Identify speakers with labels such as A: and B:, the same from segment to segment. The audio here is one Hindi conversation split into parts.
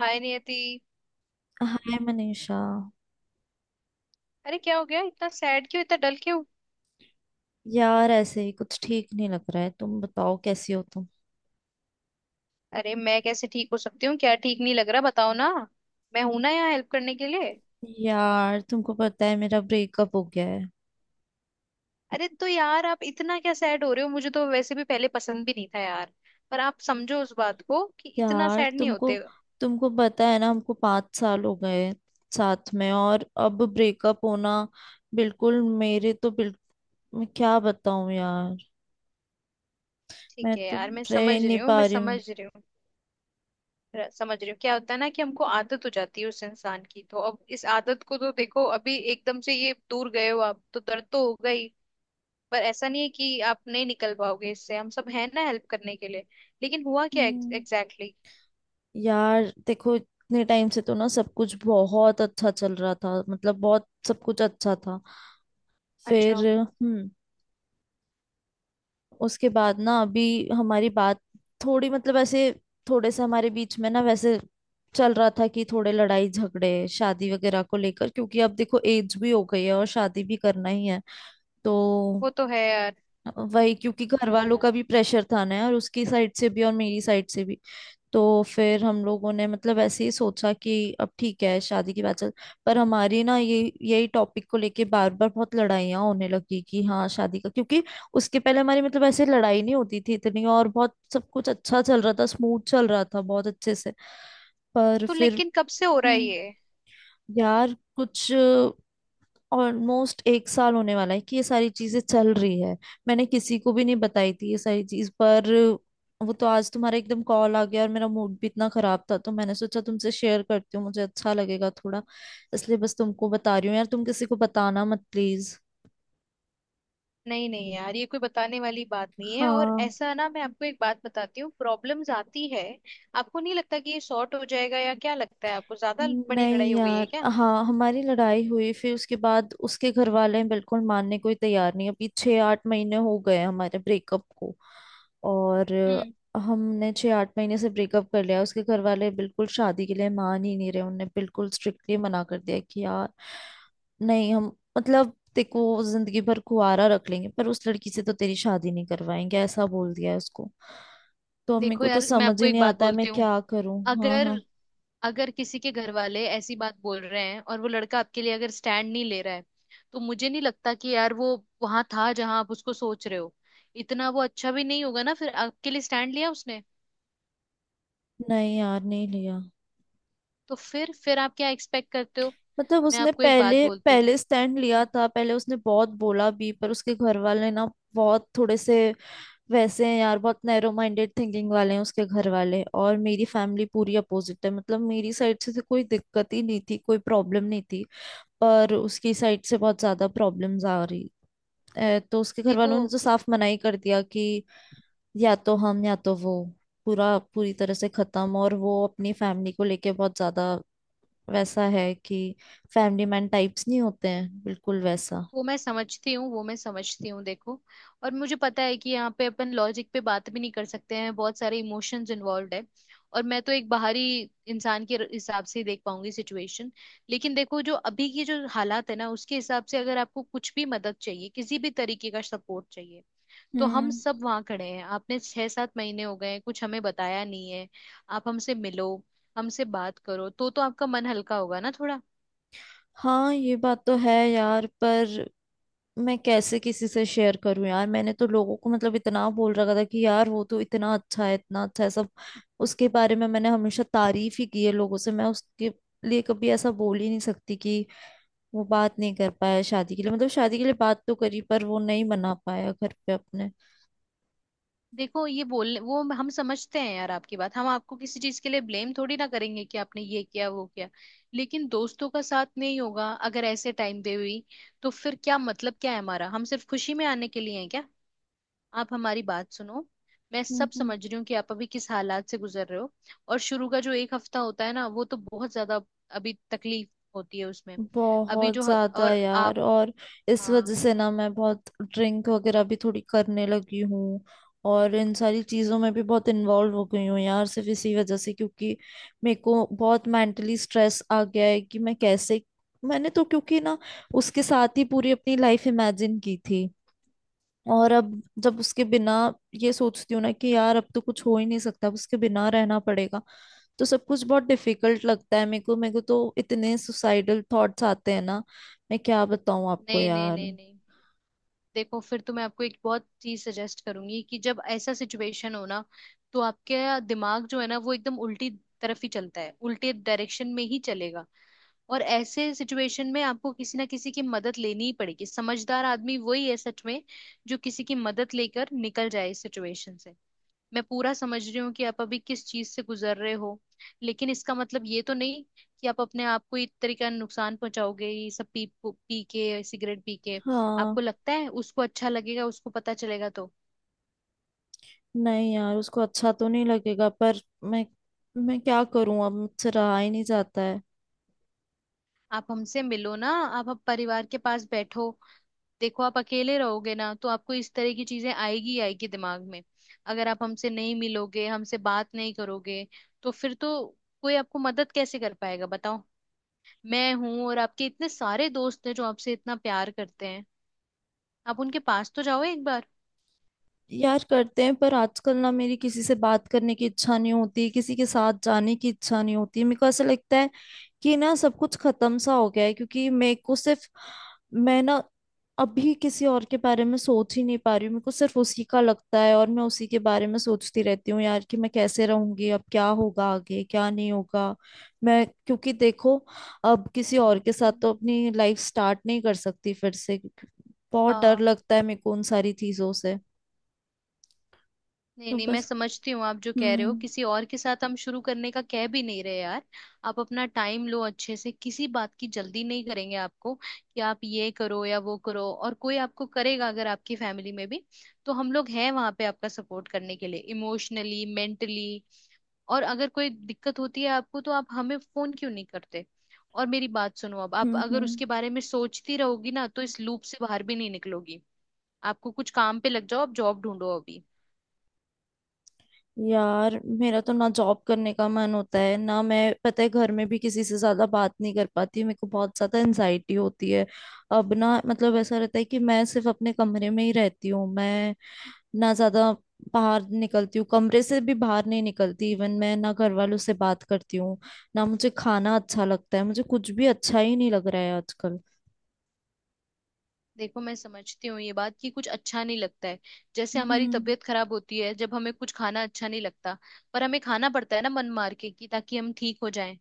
A: हाय नियति।
B: हाय मनीषा।
A: अरे क्या हो गया इतना सैड क्यों इतना डल क्यों।
B: यार ऐसे ही कुछ ठीक नहीं लग रहा है। तुम बताओ कैसी हो तुम।
A: अरे मैं कैसे ठीक हो सकती हूँ क्या ठीक नहीं लग रहा बताओ ना। मैं हूं ना यहाँ हेल्प करने के लिए।
B: यार तुमको पता है मेरा ब्रेकअप हो गया है।
A: अरे तो यार आप इतना क्या सैड हो रहे हो मुझे तो वैसे भी पहले पसंद भी नहीं था यार। पर आप समझो उस बात को कि इतना
B: यार
A: सैड नहीं
B: तुमको
A: होते।
B: तुमको पता है ना हमको 5 साल हो गए साथ में, और अब ब्रेकअप होना। बिल्कुल मेरे तो बिल, मैं क्या बताऊं यार। मैं
A: ठीक है
B: तो
A: यार मैं
B: रह
A: समझ
B: ही नहीं
A: रही हूँ
B: पा
A: मैं
B: रही
A: समझ
B: हूँ।
A: रही हूँ। समझ रही हूँ क्या होता है ना कि हमको आदत हो जाती है उस इंसान की तो अब इस आदत को तो देखो अभी एकदम से ये दूर गए हो आप तो दर्द तो होगा ही। पर ऐसा नहीं है कि आप नहीं निकल पाओगे इससे हम सब हैं ना हेल्प करने के लिए। लेकिन हुआ क्या
B: हम्म।
A: Exactly exactly?
B: यार देखो इतने टाइम से तो ना सब कुछ बहुत अच्छा चल रहा था, मतलब बहुत सब कुछ अच्छा था।
A: अच्छा।
B: फिर उसके बाद ना अभी हमारी बात थोड़ी मतलब ऐसे थोड़े से हमारे बीच में ना वैसे चल रहा था कि थोड़े लड़ाई झगड़े शादी वगैरह को लेकर, क्योंकि अब देखो एज भी हो गई है और शादी भी करना ही है। तो
A: वो तो है यार।
B: वही, क्योंकि घर वालों का भी प्रेशर था ना, और उसकी साइड से भी और मेरी साइड से भी। तो फिर हम लोगों ने मतलब ऐसे ही सोचा कि अब ठीक है शादी की बात चल। पर हमारी ना ये यही टॉपिक को लेके बार बार बहुत लड़ाइयाँ होने लगी कि हाँ शादी का, क्योंकि उसके पहले हमारी मतलब ऐसे लड़ाई नहीं होती थी इतनी, और बहुत सब कुछ अच्छा चल रहा था, स्मूथ चल रहा था बहुत अच्छे से। पर
A: तो
B: फिर
A: लेकिन कब से हो रहा है
B: हम्म
A: ये।
B: यार कुछ ऑलमोस्ट एक साल होने वाला है कि ये सारी चीजें चल रही है। मैंने किसी को भी नहीं बताई थी ये सारी चीज, पर वो तो आज तुम्हारा एकदम कॉल आ गया और मेरा मूड भी इतना खराब था, तो मैंने सोचा तुमसे शेयर करती हूँ, मुझे अच्छा लगेगा थोड़ा। इसलिए बस तुमको बता रही हूँ यार, तुम किसी को बताना मत प्लीज।
A: नहीं नहीं यार ये कोई बताने वाली बात नहीं है और
B: हाँ।
A: ऐसा ना मैं आपको एक बात बताती हूँ प्रॉब्लम्स आती है। आपको नहीं लगता कि ये सॉर्ट हो जाएगा या क्या लगता है आपको ज्यादा बड़ी
B: नहीं
A: लड़ाई हो गई है
B: यार,
A: क्या।
B: हाँ हमारी लड़ाई हुई, फिर उसके बाद उसके घर वाले बिल्कुल मानने को ही तैयार नहीं। अभी 6-8 महीने हो गए हैं हमारे ब्रेकअप को। और
A: हम्म।
B: हमने 6-8 महीने से ब्रेकअप कर लिया, उसके घर वाले बिल्कुल शादी के लिए मान ही नहीं रहे। उन्होंने बिल्कुल स्ट्रिक्टली मना कर दिया कि यार नहीं हम, मतलब देखो जिंदगी भर कुंवारा रख लेंगे पर उस लड़की से तो तेरी शादी नहीं करवाएंगे, ऐसा बोल दिया है उसको। तो अम्मी
A: देखो
B: को तो
A: यार मैं
B: समझ
A: आपको
B: ही
A: एक
B: नहीं
A: बात
B: आता है मैं
A: बोलती हूँ।
B: क्या करूं। हाँ
A: अगर
B: हाँ।
A: अगर किसी के घर वाले ऐसी बात बोल रहे हैं और वो लड़का आपके लिए अगर स्टैंड नहीं ले रहा है। तो मुझे नहीं लगता कि यार वो वहां था जहां आप उसको सोच रहे हो। इतना वो अच्छा भी नहीं होगा ना फिर आपके लिए स्टैंड लिया उसने।
B: नहीं यार, नहीं लिया।
A: तो फिर आप क्या एक्सपेक्ट करते हो।
B: मतलब
A: मैं
B: उसने
A: आपको एक बात
B: पहले
A: बोलती हूँ।
B: पहले स्टैंड लिया
A: हम्म।
B: था, पहले उसने बहुत बोला भी, पर उसके घर वाले ना बहुत थोड़े से वैसे हैं यार, बहुत नैरो माइंडेड थिंकिंग वाले हैं उसके घर वाले। और मेरी फैमिली पूरी अपोजिट है, मतलब मेरी साइड से तो कोई दिक्कत ही नहीं थी, कोई प्रॉब्लम नहीं थी। पर उसकी साइड से बहुत ज्यादा प्रॉब्लम्स आ रही। ए, तो उसके घर वालों ने
A: देखो
B: तो साफ मनाही कर दिया कि या तो हम या तो वो। पूरा पूरी तरह से खत्म। और वो अपनी फैमिली को लेके बहुत ज्यादा वैसा है कि फैमिली मैन टाइप्स नहीं होते हैं, बिल्कुल वैसा।
A: वो मैं समझती हूँ वो मैं समझती हूँ देखो। और मुझे पता है कि यहाँ पे अपन लॉजिक पे बात भी नहीं कर सकते हैं बहुत सारे इमोशंस इन्वॉल्व है। और मैं तो एक बाहरी इंसान के हिसाब से ही देख पाऊंगी सिचुएशन। लेकिन देखो जो अभी की जो हालात है ना उसके हिसाब से अगर आपको कुछ भी मदद चाहिए किसी भी तरीके का सपोर्ट चाहिए। तो हम
B: हम्म।
A: सब वहाँ खड़े हैं आपने छह सात महीने हो गए हैं, कुछ हमें बताया नहीं है। आप हमसे मिलो। हमसे बात करो तो आपका मन हल्का होगा ना थोड़ा।
B: हाँ ये बात तो है यार, पर मैं कैसे किसी से शेयर करूं यार। मैंने तो लोगों को मतलब इतना बोल रखा था कि यार वो तो इतना अच्छा है सब। उसके बारे में मैंने हमेशा तारीफ ही की है लोगों से, मैं उसके लिए कभी ऐसा बोल ही नहीं सकती कि वो बात नहीं कर पाया शादी के लिए। मतलब शादी के लिए बात तो करी, पर वो नहीं मना पाया घर पे अपने।
A: देखो ये बोल वो हम समझते हैं यार आपकी बात हम आपको किसी चीज के लिए ब्लेम थोड़ी ना करेंगे कि आपने ये किया वो किया। लेकिन दोस्तों का साथ नहीं होगा अगर ऐसे टाइम पे हुई। तो फिर क्या मतलब क्या है हमारा हम सिर्फ खुशी में आने के लिए हैं क्या। आप हमारी बात सुनो। मैं सब
B: हम्म
A: समझ रही हूँ कि आप अभी किस हालात से गुजर रहे हो। और शुरू का जो एक हफ्ता होता है ना वो तो बहुत ज्यादा अभी तकलीफ होती है उसमें। अभी
B: बहुत
A: जो
B: ज्यादा
A: और
B: यार।
A: आप
B: और इस वजह
A: हाँ।
B: से ना मैं बहुत ड्रिंक वगैरह भी थोड़ी करने लगी हूँ, और इन सारी चीजों में भी बहुत इन्वॉल्व हो गई हूँ यार, सिर्फ इसी वजह से, क्योंकि मेरे को बहुत मेंटली स्ट्रेस आ गया है कि मैं कैसे। मैंने तो, क्योंकि ना उसके साथ ही पूरी अपनी लाइफ इमेजिन की थी, और अब जब उसके बिना ये सोचती हूँ ना कि यार अब तो कुछ हो ही नहीं सकता, अब उसके बिना रहना पड़ेगा, तो सब कुछ बहुत डिफिकल्ट लगता है मेरे को। मेरे को तो इतने सुसाइडल थॉट्स आते हैं ना, मैं क्या बताऊं आपको
A: नहीं नहीं
B: यार।
A: नहीं नहीं। देखो फिर तो मैं आपको एक बहुत चीज सजेस्ट करूंगी कि जब ऐसा सिचुएशन हो ना। तो आपके दिमाग जो है ना वो एकदम उल्टी तरफ ही चलता है उल्टे डायरेक्शन में ही चलेगा। और ऐसे सिचुएशन में आपको किसी ना किसी की मदद लेनी ही पड़ेगी समझदार आदमी वही है सच में जो किसी की मदद लेकर निकल जाए इस सिचुएशन से। मैं पूरा समझ रही हूँ कि आप अभी किस चीज से गुजर रहे हो। लेकिन इसका मतलब ये तो नहीं कि आप अपने आप को इस तरीके का नुकसान पहुंचाओगे ये सब पी पी के सिगरेट पी के।
B: हाँ।
A: आपको लगता है उसको अच्छा लगेगा उसको पता चलेगा तो।
B: नहीं यार उसको अच्छा तो नहीं लगेगा, पर मैं क्या करूं, अब मुझसे रहा ही नहीं जाता है।
A: आप हमसे मिलो ना आप परिवार के पास बैठो। देखो आप अकेले रहोगे ना तो आपको इस तरह की चीजें आएगी ही आएगी दिमाग में। अगर आप हमसे नहीं मिलोगे हमसे बात नहीं करोगे तो फिर तो कोई आपको मदद कैसे कर पाएगा बताओ। मैं हूं और आपके इतने सारे दोस्त हैं जो आपसे इतना प्यार करते हैं। आप उनके पास तो जाओ एक बार।
B: यार करते हैं, पर आजकल ना मेरी किसी से बात करने की इच्छा नहीं होती, किसी के साथ जाने की इच्छा नहीं होती। मेरे को ऐसा लगता है कि ना सब कुछ खत्म सा हो गया है, क्योंकि मेरे को सिर्फ, मैं ना अभी किसी और के बारे में सोच ही नहीं पा रही हूँ। मेरे को सिर्फ उसी का लगता है और मैं उसी के बारे में सोचती रहती हूँ यार, कि मैं कैसे रहूंगी, अब क्या होगा आगे क्या नहीं होगा। मैं क्योंकि देखो, अब किसी और के साथ
A: हम्म,
B: तो अपनी लाइफ स्टार्ट नहीं कर सकती फिर से, क्योंकि बहुत डर
A: हाँ।
B: लगता है मेरे को उन सारी चीजों से।
A: नहीं
B: तो
A: नहीं मैं
B: बस।
A: समझती हूँ आप जो कह रहे हो
B: हम्म
A: किसी और के साथ हम शुरू करने का कह भी नहीं रहे यार। आप अपना टाइम लो अच्छे से किसी बात की जल्दी नहीं करेंगे आपको कि आप ये करो या वो करो और कोई आपको करेगा अगर आपकी फैमिली में भी। तो हम लोग हैं वहां पे आपका सपोर्ट करने के लिए इमोशनली मेंटली। और अगर कोई दिक्कत होती है आपको तो आप हमें फोन क्यों नहीं करते। और मेरी बात सुनो अब आप
B: हम्म
A: अगर
B: हम्म
A: उसके बारे में सोचती रहोगी ना तो इस लूप से बाहर भी नहीं निकलोगी। आपको कुछ काम पे लग जाओ आप जॉब ढूंढो अभी।
B: यार मेरा तो ना जॉब करने का मन होता है ना। मैं पता है घर में भी किसी से ज्यादा बात नहीं कर पाती, मेरे को बहुत ज्यादा एनजाइटी होती है। अब ना मतलब ऐसा रहता है कि मैं सिर्फ अपने कमरे में ही रहती हूँ, मैं ना ज्यादा बाहर निकलती हूँ, कमरे से भी बाहर नहीं निकलती। इवन मैं ना घर वालों से बात करती हूँ, ना मुझे खाना अच्छा लगता है, मुझे कुछ भी अच्छा ही नहीं लग रहा है आजकल।
A: देखो मैं समझती हूँ ये बात कि कुछ अच्छा नहीं लगता है। जैसे हमारी
B: हम्म
A: तबीयत खराब होती है जब हमें कुछ खाना अच्छा नहीं लगता। पर हमें खाना पड़ता है ना मन मार के कि ताकि हम ठीक हो जाएं।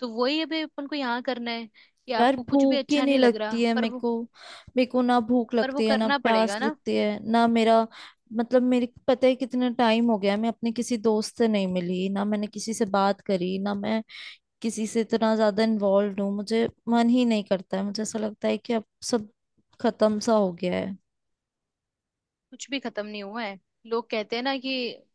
A: तो वही अभी अपन को यहाँ करना है। कि
B: यार
A: आपको कुछ भी
B: भूख ही
A: अच्छा
B: नहीं
A: नहीं लग
B: लगती
A: रहा
B: है
A: पर
B: मेरे
A: वो
B: को। मेरे को ना भूख
A: पर वो
B: लगती है ना
A: करना
B: प्यास
A: पड़ेगा ना।
B: लगती है, ना मेरा मतलब मेरे को पता है कितना टाइम हो गया है, मैं अपने किसी दोस्त से नहीं मिली, ना मैंने किसी से बात करी, ना मैं किसी से इतना ज्यादा इन्वॉल्व हूँ। मुझे मन ही नहीं करता है, मुझे ऐसा लगता है कि अब सब खत्म सा हो गया है।
A: कुछ भी खत्म नहीं हुआ है। लोग कहते हैं ना कि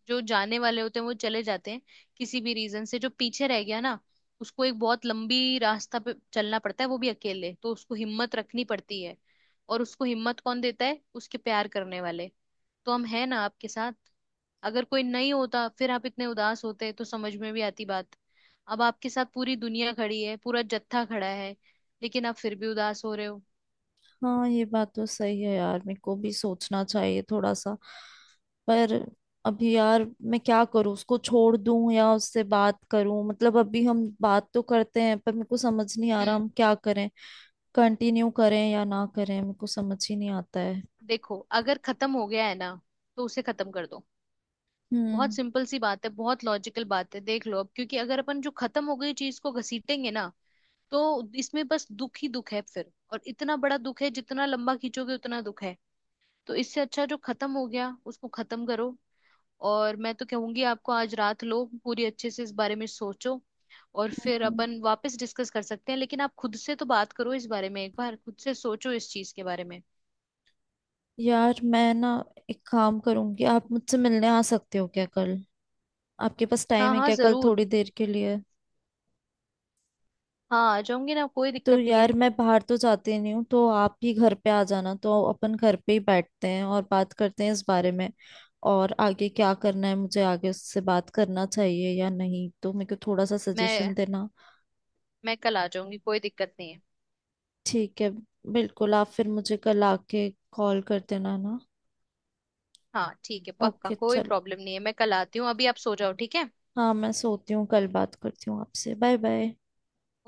A: जो जाने वाले होते हैं वो चले जाते हैं। किसी भी रीजन से जो पीछे रह गया ना उसको एक बहुत लंबी रास्ता पे चलना पड़ता है वो भी अकेले तो उसको हिम्मत रखनी पड़ती है। और उसको हिम्मत कौन देता है उसके प्यार करने वाले। तो हम हैं ना आपके साथ। अगर कोई नहीं होता फिर आप इतने उदास होते तो समझ में भी आती बात। अब आपके साथ पूरी दुनिया खड़ी है पूरा जत्था खड़ा है। लेकिन आप फिर भी उदास हो रहे हो।
B: हाँ ये बात तो सही है यार, मेरे को भी सोचना चाहिए थोड़ा सा। पर अभी यार मैं क्या करूँ, उसको छोड़ दूं या उससे बात करूं। मतलब अभी हम बात तो करते हैं, पर मेरे को समझ नहीं आ रहा
A: हम्म।
B: हम क्या करें, कंटिन्यू करें या ना करें, मेरे को समझ ही नहीं आता है।
A: देखो अगर खत्म हो गया है ना तो उसे खत्म कर दो। बहुत
B: हम्म।
A: सिंपल सी बात है बहुत लॉजिकल बात है देख लो अब क्योंकि अगर अपन जो खत्म हो गई चीज को घसीटेंगे ना तो इसमें बस दुख ही दुख है फिर और इतना बड़ा दुख है जितना लंबा खींचोगे उतना दुख है। तो इससे अच्छा जो खत्म हो गया उसको खत्म करो। और मैं तो कहूंगी आपको आज रात लो पूरी अच्छे से इस बारे में सोचो। और
B: हम्म।
A: फिर
B: हम्म।
A: अपन वापस डिस्कस कर सकते हैं लेकिन आप खुद से तो बात करो इस बारे में एक बार खुद से सोचो इस चीज के बारे में।
B: यार मैं ना एक काम करूंगी, आप मुझसे मिलने आ सकते हो क्या कल? आपके पास टाइम
A: हाँ
B: है
A: हाँ
B: क्या कल
A: जरूर।
B: थोड़ी देर के लिए?
A: हाँ आ जाऊंगी ना कोई
B: तो
A: दिक्कत नहीं
B: यार
A: है।
B: मैं बाहर तो जाती नहीं हूँ, तो आप ही घर पे आ जाना, तो अपन घर पे ही बैठते हैं और बात करते हैं इस बारे में। और आगे क्या करना है, मुझे आगे उससे बात करना चाहिए या नहीं, तो मेरे को थोड़ा सा सजेशन
A: मैं
B: देना।
A: मैं कल आ जाऊंगी कोई दिक्कत नहीं है।
B: ठीक है, बिल्कुल। आप फिर मुझे कल आके कॉल कर देना ना।
A: हाँ ठीक है पक्का
B: ओके
A: कोई
B: चलो,
A: प्रॉब्लम नहीं है मैं कल आती हूँ अभी आप सो जाओ ठीक है।
B: हाँ मैं सोती हूँ, कल बात करती हूँ आपसे। Bye bye.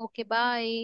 A: Okay bye.